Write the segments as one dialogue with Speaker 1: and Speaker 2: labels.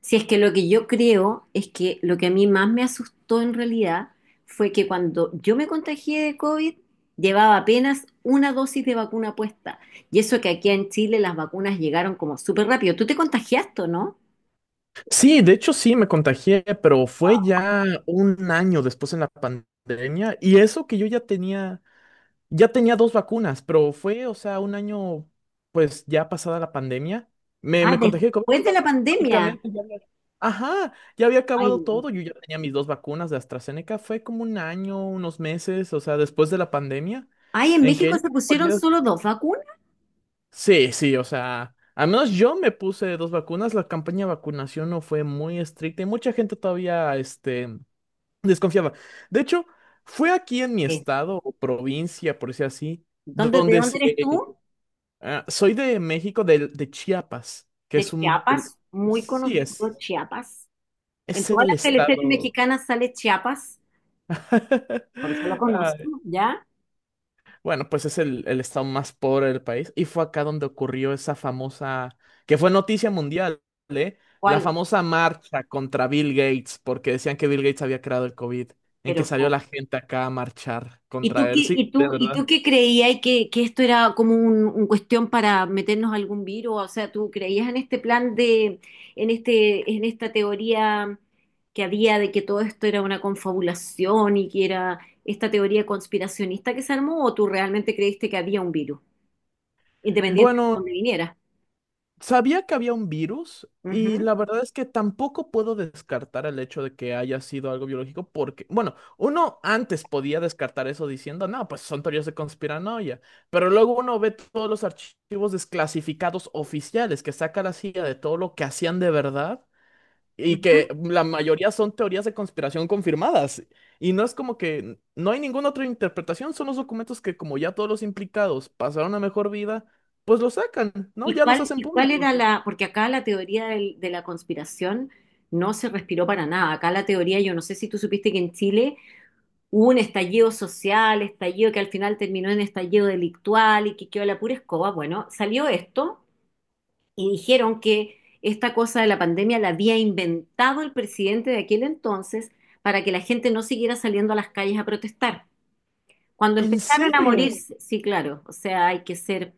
Speaker 1: Si es que lo que yo creo es que lo que a mí más me asustó en realidad fue que cuando yo me contagié de COVID, llevaba apenas una dosis de vacuna puesta. Y eso que aquí en Chile las vacunas llegaron como súper rápido. ¿Tú te contagiaste, o no?
Speaker 2: Sí, de hecho sí me contagié, pero fue ya un año después en la pandemia y eso que yo ya tenía dos vacunas, pero fue, o sea, un año pues ya pasada la pandemia, me,
Speaker 1: Ah,
Speaker 2: me contagié de COVID.
Speaker 1: después de
Speaker 2: Pero
Speaker 1: la pandemia.
Speaker 2: irónicamente ya había, ajá, ya había
Speaker 1: Ay,
Speaker 2: acabado
Speaker 1: no.
Speaker 2: todo. Yo ya tenía mis dos vacunas de AstraZeneca, fue como un año, unos meses, o sea, después de la pandemia,
Speaker 1: Ay, en
Speaker 2: en que
Speaker 1: México se pusieron
Speaker 2: no.
Speaker 1: solo 2 vacunas.
Speaker 2: Sí, sí, o sea, al menos yo me puse dos vacunas. La campaña de vacunación no fue muy estricta y mucha gente todavía, desconfiaba. De hecho, fue aquí en mi
Speaker 1: Sí.
Speaker 2: estado o provincia, por decir así.
Speaker 1: ¿Dónde, de
Speaker 2: donde
Speaker 1: dónde
Speaker 2: se-
Speaker 1: eres tú?
Speaker 2: ah, soy de México, de Chiapas, que
Speaker 1: De
Speaker 2: es un, El-
Speaker 1: Chiapas, muy
Speaker 2: sí,
Speaker 1: conocido
Speaker 2: es,
Speaker 1: Chiapas. En
Speaker 2: es
Speaker 1: todas
Speaker 2: el
Speaker 1: las teleseries
Speaker 2: estado.
Speaker 1: mexicanas sale Chiapas, por eso lo
Speaker 2: ah,
Speaker 1: conozco, ¿ya?
Speaker 2: Bueno, pues es el estado más pobre del país. Y fue acá donde ocurrió esa famosa, que fue noticia mundial, ¿eh? La
Speaker 1: ¿Cuál?
Speaker 2: famosa marcha contra Bill Gates, porque decían que Bill Gates había creado el COVID, en que
Speaker 1: Pero
Speaker 2: salió
Speaker 1: ¿cómo?
Speaker 2: la gente acá a marchar
Speaker 1: ¿Y tú
Speaker 2: contra
Speaker 1: qué,
Speaker 2: él. Sí,
Speaker 1: y
Speaker 2: de
Speaker 1: tú, y tú
Speaker 2: verdad.
Speaker 1: qué creías que esto era como un cuestión para meternos algún virus? O sea, ¿tú creías en este plan de, en esta teoría que había de que todo esto era una confabulación y que era esta teoría conspiracionista que se armó? ¿O tú realmente creíste que había un virus, independiente de
Speaker 2: Bueno,
Speaker 1: dónde viniera?
Speaker 2: sabía que había un virus y
Speaker 1: Ujú,
Speaker 2: la verdad es que tampoco puedo descartar el hecho de que haya sido algo biológico porque, bueno, uno antes podía descartar eso diciendo, no, pues son teorías de conspiranoia, pero luego uno ve todos los archivos desclasificados oficiales que saca la CIA de todo lo que hacían de verdad y que
Speaker 1: ujú.
Speaker 2: la mayoría son teorías de conspiración confirmadas. Y no es como que no hay ninguna otra interpretación, son los documentos que como ya todos los implicados pasaron a mejor vida, pues los sacan, ¿no?
Speaker 1: ¿Y
Speaker 2: Ya los
Speaker 1: cuál,
Speaker 2: hacen
Speaker 1: y cuál era
Speaker 2: públicos.
Speaker 1: la, porque acá la teoría de la conspiración no se respiró para nada. Acá la teoría, yo no sé si tú supiste que en Chile hubo un estallido social, estallido que al final terminó en estallido delictual y que quedó la pura escoba. Bueno, salió esto y dijeron que esta cosa de la pandemia la había inventado el presidente de aquel entonces para que la gente no siguiera saliendo a las calles a protestar. Cuando
Speaker 2: ¿En
Speaker 1: empezaron a
Speaker 2: serio?
Speaker 1: morir, sí, claro, o sea, hay que ser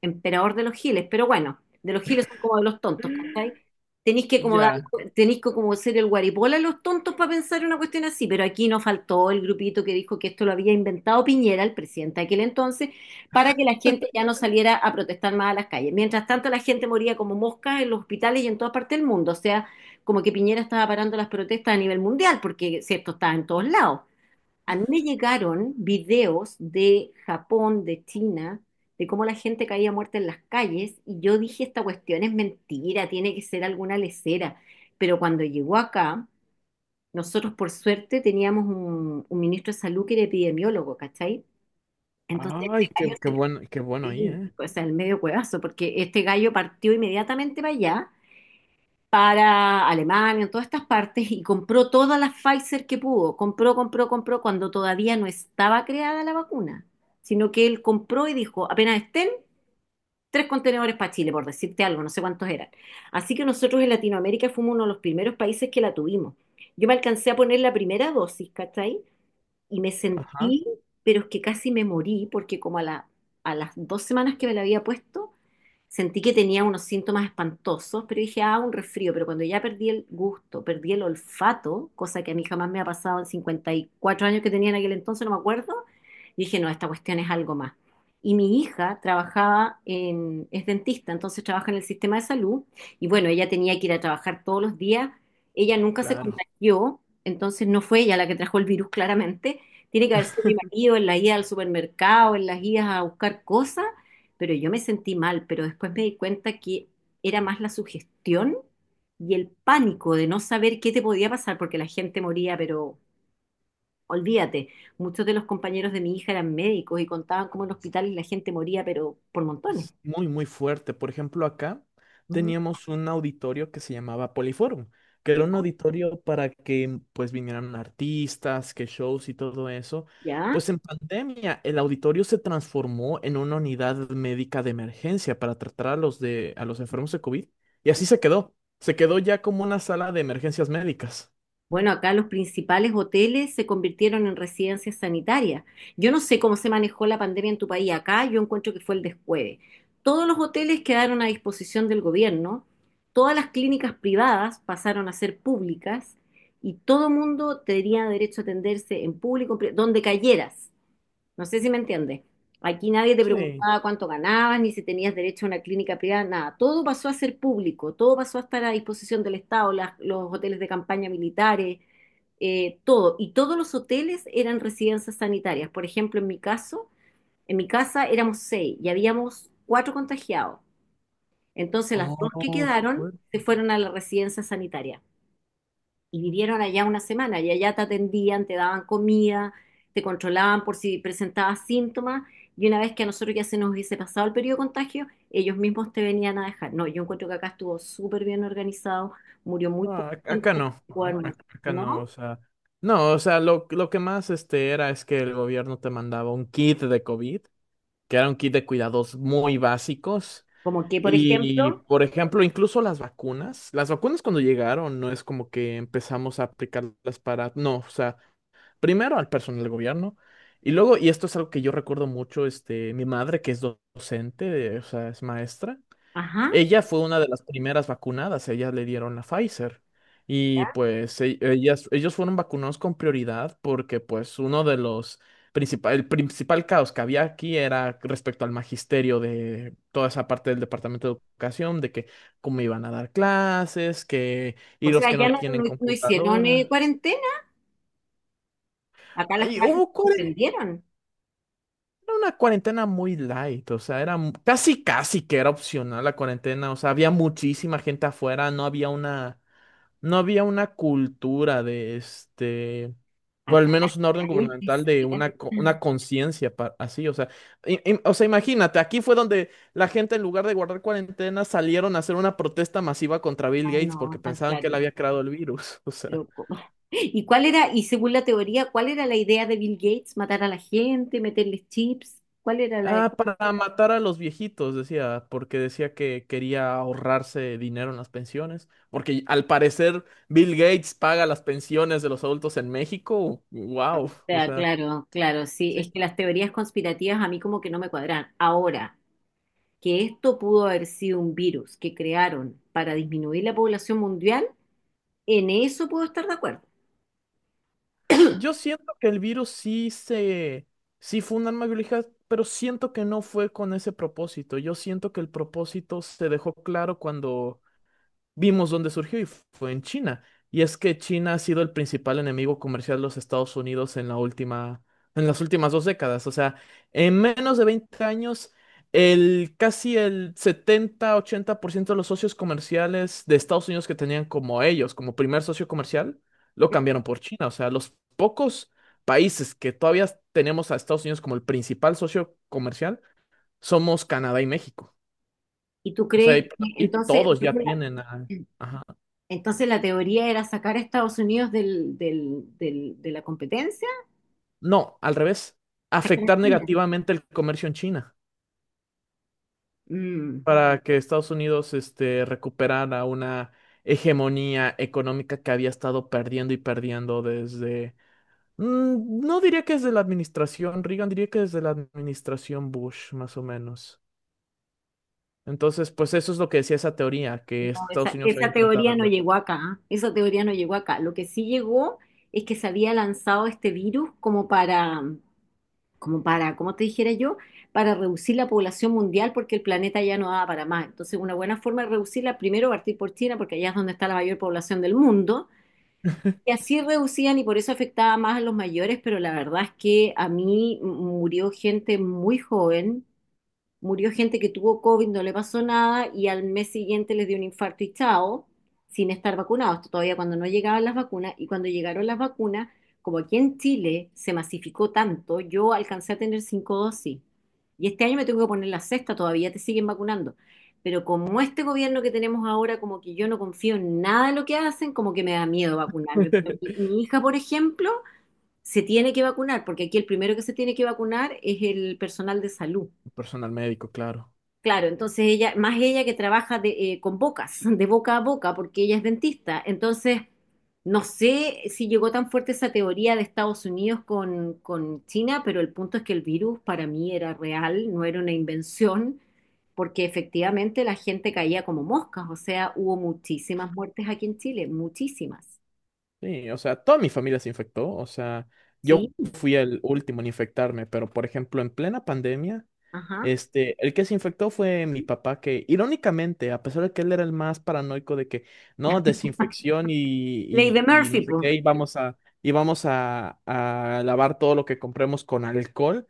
Speaker 1: emperador de los giles, pero bueno, de los giles son como de los tontos, ¿cachai? Tenéis que como dar,
Speaker 2: Ya.
Speaker 1: tenéis que como ser el guaripola de los tontos para pensar una cuestión así, pero aquí no faltó el grupito que dijo que esto lo había inventado Piñera, el presidente de aquel entonces, para que la gente ya no saliera a protestar más a las calles. Mientras tanto, la gente moría como moscas en los hospitales y en toda parte del mundo, o sea, como que Piñera estaba parando las protestas a nivel mundial, porque si esto estaba en todos lados. A mí me llegaron videos de Japón, de China, de cómo la gente caía muerta en las calles y yo dije, esta cuestión es mentira, tiene que ser alguna lesera. Pero cuando llegó acá, nosotros por suerte teníamos un ministro de salud que era epidemiólogo, ¿cachai? Entonces este
Speaker 2: Ay,
Speaker 1: gallo
Speaker 2: qué
Speaker 1: se...
Speaker 2: bueno, qué bueno ahí,
Speaker 1: sí,
Speaker 2: ¿eh?
Speaker 1: o sea, el medio cuevazo, porque este gallo partió inmediatamente para allá para Alemania, todas estas partes, y compró todas las Pfizer que pudo. Compró, compró, compró cuando todavía no estaba creada la vacuna, sino que él compró y dijo, apenas estén, 3 contenedores para Chile, por decirte algo, no sé cuántos eran. Así que nosotros en Latinoamérica fuimos uno de los primeros países que la tuvimos. Yo me alcancé a poner la primera dosis, ¿cachai? Y me
Speaker 2: Ajá,
Speaker 1: sentí, pero es que casi me morí, porque como a las 2 semanas que me la había puesto, sentí que tenía unos síntomas espantosos, pero dije, ah, un resfrío. Pero cuando ya perdí el gusto, perdí el olfato, cosa que a mí jamás me ha pasado en 54 años que tenía en aquel entonces, no me acuerdo, dije, no, esta cuestión es algo más. Y mi hija trabajaba en, es dentista, entonces trabaja en el sistema de salud, y bueno, ella tenía que ir a trabajar todos los días, ella nunca se
Speaker 2: claro.
Speaker 1: contagió, entonces no fue ella la que trajo el virus claramente, tiene que haber sido mi marido en la ida al supermercado, en las idas a buscar cosas, pero yo me sentí mal, pero después me di cuenta que era más la sugestión y el pánico de no saber qué te podía pasar, porque la gente moría, pero olvídate, muchos de los compañeros de mi hija eran médicos y contaban cómo en hospitales la gente moría, pero por montones.
Speaker 2: Es muy, muy fuerte. Por ejemplo, acá
Speaker 1: Ujú.
Speaker 2: teníamos un auditorio que se llamaba Poliforum, que era
Speaker 1: ¿Ya?
Speaker 2: un auditorio para que pues vinieran artistas, que shows y todo eso.
Speaker 1: ¿Ya?
Speaker 2: Pues en pandemia el auditorio se transformó en una unidad médica de emergencia para tratar a los enfermos de COVID y así se quedó. Se quedó ya como una sala de emergencias médicas.
Speaker 1: Bueno, acá los principales hoteles se convirtieron en residencias sanitarias. Yo no sé cómo se manejó la pandemia en tu país. Acá yo encuentro que fue el descueve. Todos los hoteles quedaron a disposición del gobierno, todas las clínicas privadas pasaron a ser públicas y todo mundo tenía derecho a atenderse en público, donde cayeras. No sé si me entiendes. Aquí nadie te
Speaker 2: Sí.
Speaker 1: preguntaba cuánto ganabas, ni si tenías derecho a una clínica privada, nada. Todo pasó a ser público, todo pasó a estar a disposición del Estado, los hoteles de campaña militares, todo. Y todos los hoteles eran residencias sanitarias. Por ejemplo, en mi caso, en mi casa éramos 6 y habíamos 4 contagiados. Entonces las 2 que
Speaker 2: Oh, qué
Speaker 1: quedaron
Speaker 2: fuerte.
Speaker 1: se fueron a la residencia sanitaria y vivieron allá una semana y allá te atendían, te daban comida, te controlaban por si presentabas síntomas y una vez que a nosotros ya se nos hubiese pasado el periodo de contagio, ellos mismos te venían a dejar. No, yo encuentro que acá estuvo súper bien organizado, murió muy poco,
Speaker 2: Ah, acá no,
Speaker 1: muerto,
Speaker 2: acá no, o
Speaker 1: ¿no?
Speaker 2: sea, no, o sea, lo que más este era es que el gobierno te mandaba un kit de COVID, que era un kit de cuidados muy básicos.
Speaker 1: Como que, por ejemplo,
Speaker 2: Y, por ejemplo, incluso las vacunas cuando llegaron, no es como que empezamos a aplicarlas para, no, o sea, primero al personal del gobierno. Y luego, y esto es algo que yo recuerdo mucho, mi madre, que es docente, o sea, es maestra.
Speaker 1: ajá,
Speaker 2: Ella fue una de las primeras vacunadas, ellas le dieron la Pfizer. Y pues ellos fueron vacunados con prioridad porque pues uno de los principal, el principal caos que había aquí era respecto al magisterio de toda esa parte del Departamento de Educación, de que cómo iban a dar clases, que
Speaker 1: o
Speaker 2: y los
Speaker 1: sea,
Speaker 2: que
Speaker 1: ya
Speaker 2: no
Speaker 1: no, no-
Speaker 2: tienen
Speaker 1: no hicieron
Speaker 2: computadora.
Speaker 1: cuarentena, acá las
Speaker 2: Y
Speaker 1: clases
Speaker 2: hubo
Speaker 1: se suspendieron,
Speaker 2: una cuarentena muy light, o sea, era casi casi que era opcional la cuarentena, o sea, había muchísima gente afuera, no había una cultura de este, o al
Speaker 1: acá
Speaker 2: menos una orden
Speaker 1: las calles te
Speaker 2: gubernamental de
Speaker 1: cierran.
Speaker 2: una, una conciencia así, o sea, o sea, imagínate, aquí fue donde la gente en lugar de guardar cuarentena salieron a hacer una protesta masiva contra Bill
Speaker 1: Ah,
Speaker 2: Gates
Speaker 1: no,
Speaker 2: porque
Speaker 1: tan
Speaker 2: pensaban que
Speaker 1: claro.
Speaker 2: él había creado el virus. O sea,
Speaker 1: Pero, ¿cómo? ¿Y cuál era, y según la teoría, cuál era la idea de Bill Gates? ¿Matar a la gente, meterles chips? ¿Cuál era la idea?
Speaker 2: ah, para matar a los viejitos, decía, porque decía que quería ahorrarse dinero en las pensiones, porque al parecer Bill Gates paga las pensiones de los adultos en México,
Speaker 1: O
Speaker 2: wow, o
Speaker 1: sea,
Speaker 2: sea.
Speaker 1: claro, claro, sí, es que las teorías conspirativas a mí como que no me cuadran. Ahora, que esto pudo haber sido un virus que crearon para disminuir la población mundial, en eso puedo estar de acuerdo.
Speaker 2: Yo siento que el virus sí fue un arma biológica, pero siento que no fue con ese propósito. Yo siento que el propósito se dejó claro cuando vimos dónde surgió y fue en China. Y es que China ha sido el principal enemigo comercial de los Estados Unidos en en las últimas 2 décadas. O sea, en menos de 20 años, el casi el 70-80% de los socios comerciales de Estados Unidos que tenían como ellos, como primer socio comercial, lo cambiaron por China. O sea, los pocos países que todavía tenemos a Estados Unidos como el principal socio comercial somos Canadá y México.
Speaker 1: ¿Y tú
Speaker 2: O sea,
Speaker 1: crees
Speaker 2: y,
Speaker 1: que
Speaker 2: y
Speaker 1: entonces,
Speaker 2: todos ya
Speaker 1: según la-
Speaker 2: tienen a... ajá.
Speaker 1: entonces la teoría era sacar a Estados Unidos de la competencia?
Speaker 2: No, al revés.
Speaker 1: Sacar a
Speaker 2: Afectar
Speaker 1: China.
Speaker 2: negativamente el comercio en China
Speaker 1: Mm.
Speaker 2: para que Estados Unidos recuperara una hegemonía económica que había estado perdiendo y perdiendo desde... no diría que desde la administración Reagan, diría que desde la administración Bush, más o menos. Entonces, pues eso es lo que decía esa teoría,
Speaker 1: No,
Speaker 2: que Estados
Speaker 1: esa,
Speaker 2: Unidos había
Speaker 1: esa
Speaker 2: implantado
Speaker 1: teoría no llegó acá, ¿ah? Esa teoría no llegó acá. Lo que sí llegó es que se había lanzado este virus como para, como te dijera yo, para reducir la población mundial porque el planeta ya no daba para más. Entonces, una buena forma de reducirla, primero partir por China, porque allá es donde está la mayor población del mundo.
Speaker 2: el...
Speaker 1: Y así reducían y por eso afectaba más a los mayores, pero la verdad es que a mí murió gente muy joven. Murió gente que tuvo COVID, no le pasó nada y al mes siguiente les dio un infarto y chao, sin estar vacunados. Esto todavía cuando no llegaban las vacunas y cuando llegaron las vacunas, como aquí en Chile se masificó tanto, yo alcancé a tener 5 dosis y este año me tengo que poner la sexta, todavía te siguen vacunando. Pero como este gobierno que tenemos ahora, como que yo no confío en nada de lo que hacen, como que me da miedo vacunarme. Pero mi, mi hija, por ejemplo, se tiene que vacunar, porque aquí el primero que se tiene que vacunar es el personal de salud.
Speaker 2: Personal médico, claro.
Speaker 1: Claro, entonces ella, más ella que trabaja con bocas, de boca a boca, porque ella es dentista. Entonces, no sé si llegó tan fuerte esa teoría de Estados Unidos con China, pero el punto es que el virus para mí era real, no era una invención, porque efectivamente la gente caía como moscas, o sea, hubo muchísimas muertes aquí en Chile, muchísimas,
Speaker 2: Sí, o sea, toda mi familia se infectó, o sea, yo
Speaker 1: ¿sí?
Speaker 2: fui el último en infectarme, pero por ejemplo, en plena pandemia,
Speaker 1: Ajá.
Speaker 2: el que se infectó fue mi papá, que irónicamente, a pesar de que él era el más paranoico de que, no, desinfección
Speaker 1: Ley
Speaker 2: y,
Speaker 1: de
Speaker 2: y, y
Speaker 1: Murphy,
Speaker 2: no sé
Speaker 1: pues.
Speaker 2: qué, y vamos a lavar todo lo que compremos con alcohol,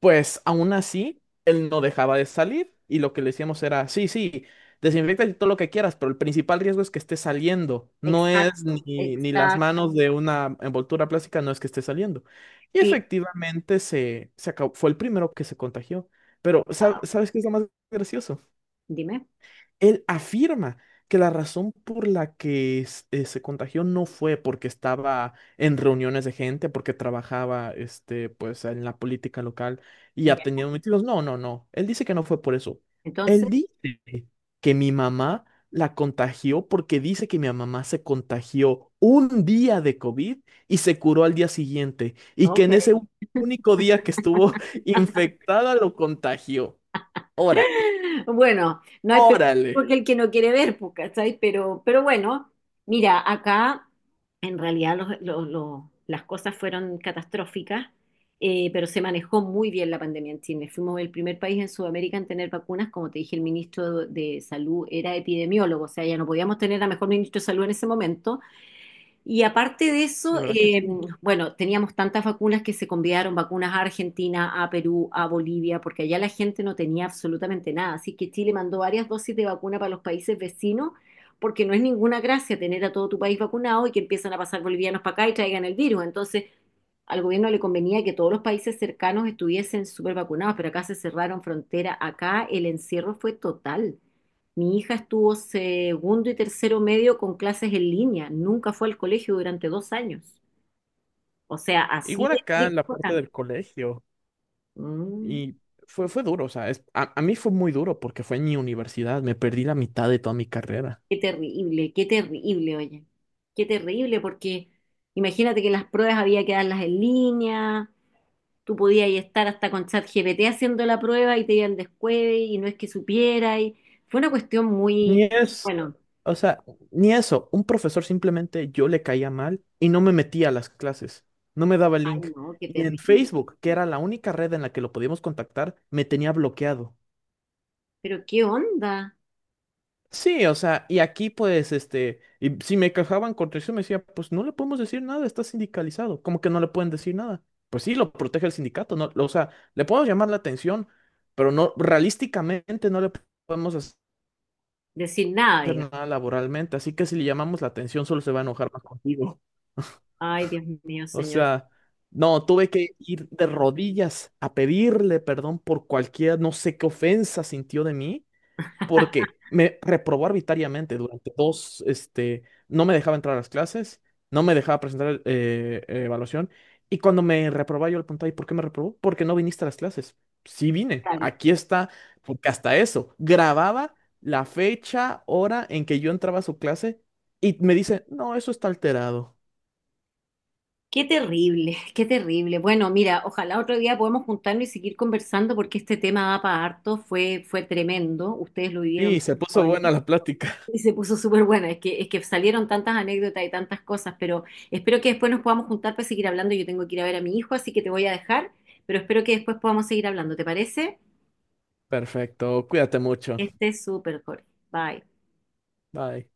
Speaker 2: pues aún así, él no dejaba de salir y lo que le decíamos era, sí, sí, desinfecta y todo lo que quieras, pero el principal riesgo es que esté saliendo, no es
Speaker 1: Exacto,
Speaker 2: ni las
Speaker 1: exacto,
Speaker 2: manos de una envoltura plástica, no es que esté saliendo. Y
Speaker 1: sí.
Speaker 2: efectivamente se acabó, fue el primero que se contagió. Pero,
Speaker 1: Wow.
Speaker 2: ¿sabes qué es lo más gracioso?
Speaker 1: Dime.
Speaker 2: Él afirma que la razón por la que se contagió no fue porque estaba en reuniones de gente, porque trabajaba pues, en la política local y ha
Speaker 1: Ya.
Speaker 2: tenido metidos. No, no, no. Él dice que no fue por eso.
Speaker 1: Entonces,
Speaker 2: Él dice que mi mamá la contagió porque dice que mi mamá se contagió un día de COVID y se curó al día siguiente y que
Speaker 1: ok.
Speaker 2: en ese único día que estuvo infectada lo contagió. Órale,
Speaker 1: Bueno, no hay
Speaker 2: órale.
Speaker 1: peor que el que no quiere ver, po, ¿cachai? Pero bueno, mira, acá en realidad las cosas fueron catastróficas, pero se manejó muy bien la pandemia en Chile. Fuimos el primer país en Sudamérica en tener vacunas. Como te dije, el ministro de Salud era epidemiólogo, o sea, ya no podíamos tener a mejor ministro de Salud en ese momento, y aparte de
Speaker 2: De
Speaker 1: eso,
Speaker 2: verdad que sí.
Speaker 1: bueno, teníamos tantas vacunas que se convidaron vacunas a Argentina, a Perú, a Bolivia, porque allá la gente no tenía absolutamente nada. Así que Chile mandó varias dosis de vacuna para los países vecinos, porque no es ninguna gracia tener a todo tu país vacunado y que empiezan a pasar bolivianos para acá y traigan el virus. Entonces, al gobierno le convenía que todos los países cercanos estuviesen súper vacunados, pero acá se cerraron frontera, acá el encierro fue total. Mi hija estuvo segundo y tercero medio con clases en línea, nunca fue al colegio durante 2 años. O sea, así
Speaker 2: Igual
Speaker 1: de
Speaker 2: acá en la
Speaker 1: estricto
Speaker 2: parte
Speaker 1: era.
Speaker 2: del colegio.
Speaker 1: Mm,
Speaker 2: Y fue duro, o sea, a mí fue muy duro porque fue en mi universidad, me perdí la mitad de toda mi carrera.
Speaker 1: qué terrible, oye. Qué terrible, porque imagínate que las pruebas había que darlas en línea. Tú podías estar hasta con ChatGPT haciendo la prueba y te iban descueve y no es que supiera. Y fue una cuestión muy,
Speaker 2: Ni es,
Speaker 1: bueno,
Speaker 2: O sea, ni eso, un profesor simplemente yo le caía mal y no me metía a las clases, no me daba el
Speaker 1: ay
Speaker 2: link.
Speaker 1: no, qué
Speaker 2: Y en
Speaker 1: terrible.
Speaker 2: Facebook, que era la única red en la que lo podíamos contactar, me tenía bloqueado.
Speaker 1: Pero qué onda
Speaker 2: Sí, o sea, y aquí pues, y si me quejaban contra eso, me decía, pues no le podemos decir nada, está sindicalizado. ¿Cómo que no le pueden decir nada? Pues sí, lo protege el sindicato, ¿no? O sea, le podemos llamar la atención, pero no, realísticamente no le podemos hacer
Speaker 1: decir nada, diga.
Speaker 2: nada laboralmente, así que si le llamamos la atención solo se va a enojar más contigo.
Speaker 1: Ay, Dios mío,
Speaker 2: O
Speaker 1: señor.
Speaker 2: sea, no, tuve que ir de rodillas a pedirle perdón por cualquier, no sé qué ofensa sintió de mí, porque me reprobó arbitrariamente durante dos, no me dejaba entrar a las clases, no me dejaba presentar evaluación, y cuando me reprobaba yo le preguntaba, ¿y por qué me reprobó? Porque no viniste a las clases. Sí vine,
Speaker 1: Claro.
Speaker 2: aquí está, porque hasta eso, grababa la fecha, hora en que yo entraba a su clase y me dice, no, eso está alterado.
Speaker 1: Qué terrible, qué terrible. Bueno, mira, ojalá otro día podamos juntarnos y seguir conversando porque este tema da para harto, fue tremendo. Ustedes lo vivieron muy
Speaker 2: Y se puso
Speaker 1: jóvenes.
Speaker 2: buena la plática.
Speaker 1: Y se puso súper buena, es que salieron tantas anécdotas y tantas cosas, pero espero que después nos podamos juntar para seguir hablando. Yo tengo que ir a ver a mi hijo, así que te voy a dejar, pero espero que después podamos seguir hablando. ¿Te parece?
Speaker 2: Perfecto, cuídate mucho.
Speaker 1: Este es súper, Jorge. Bye.
Speaker 2: Bye.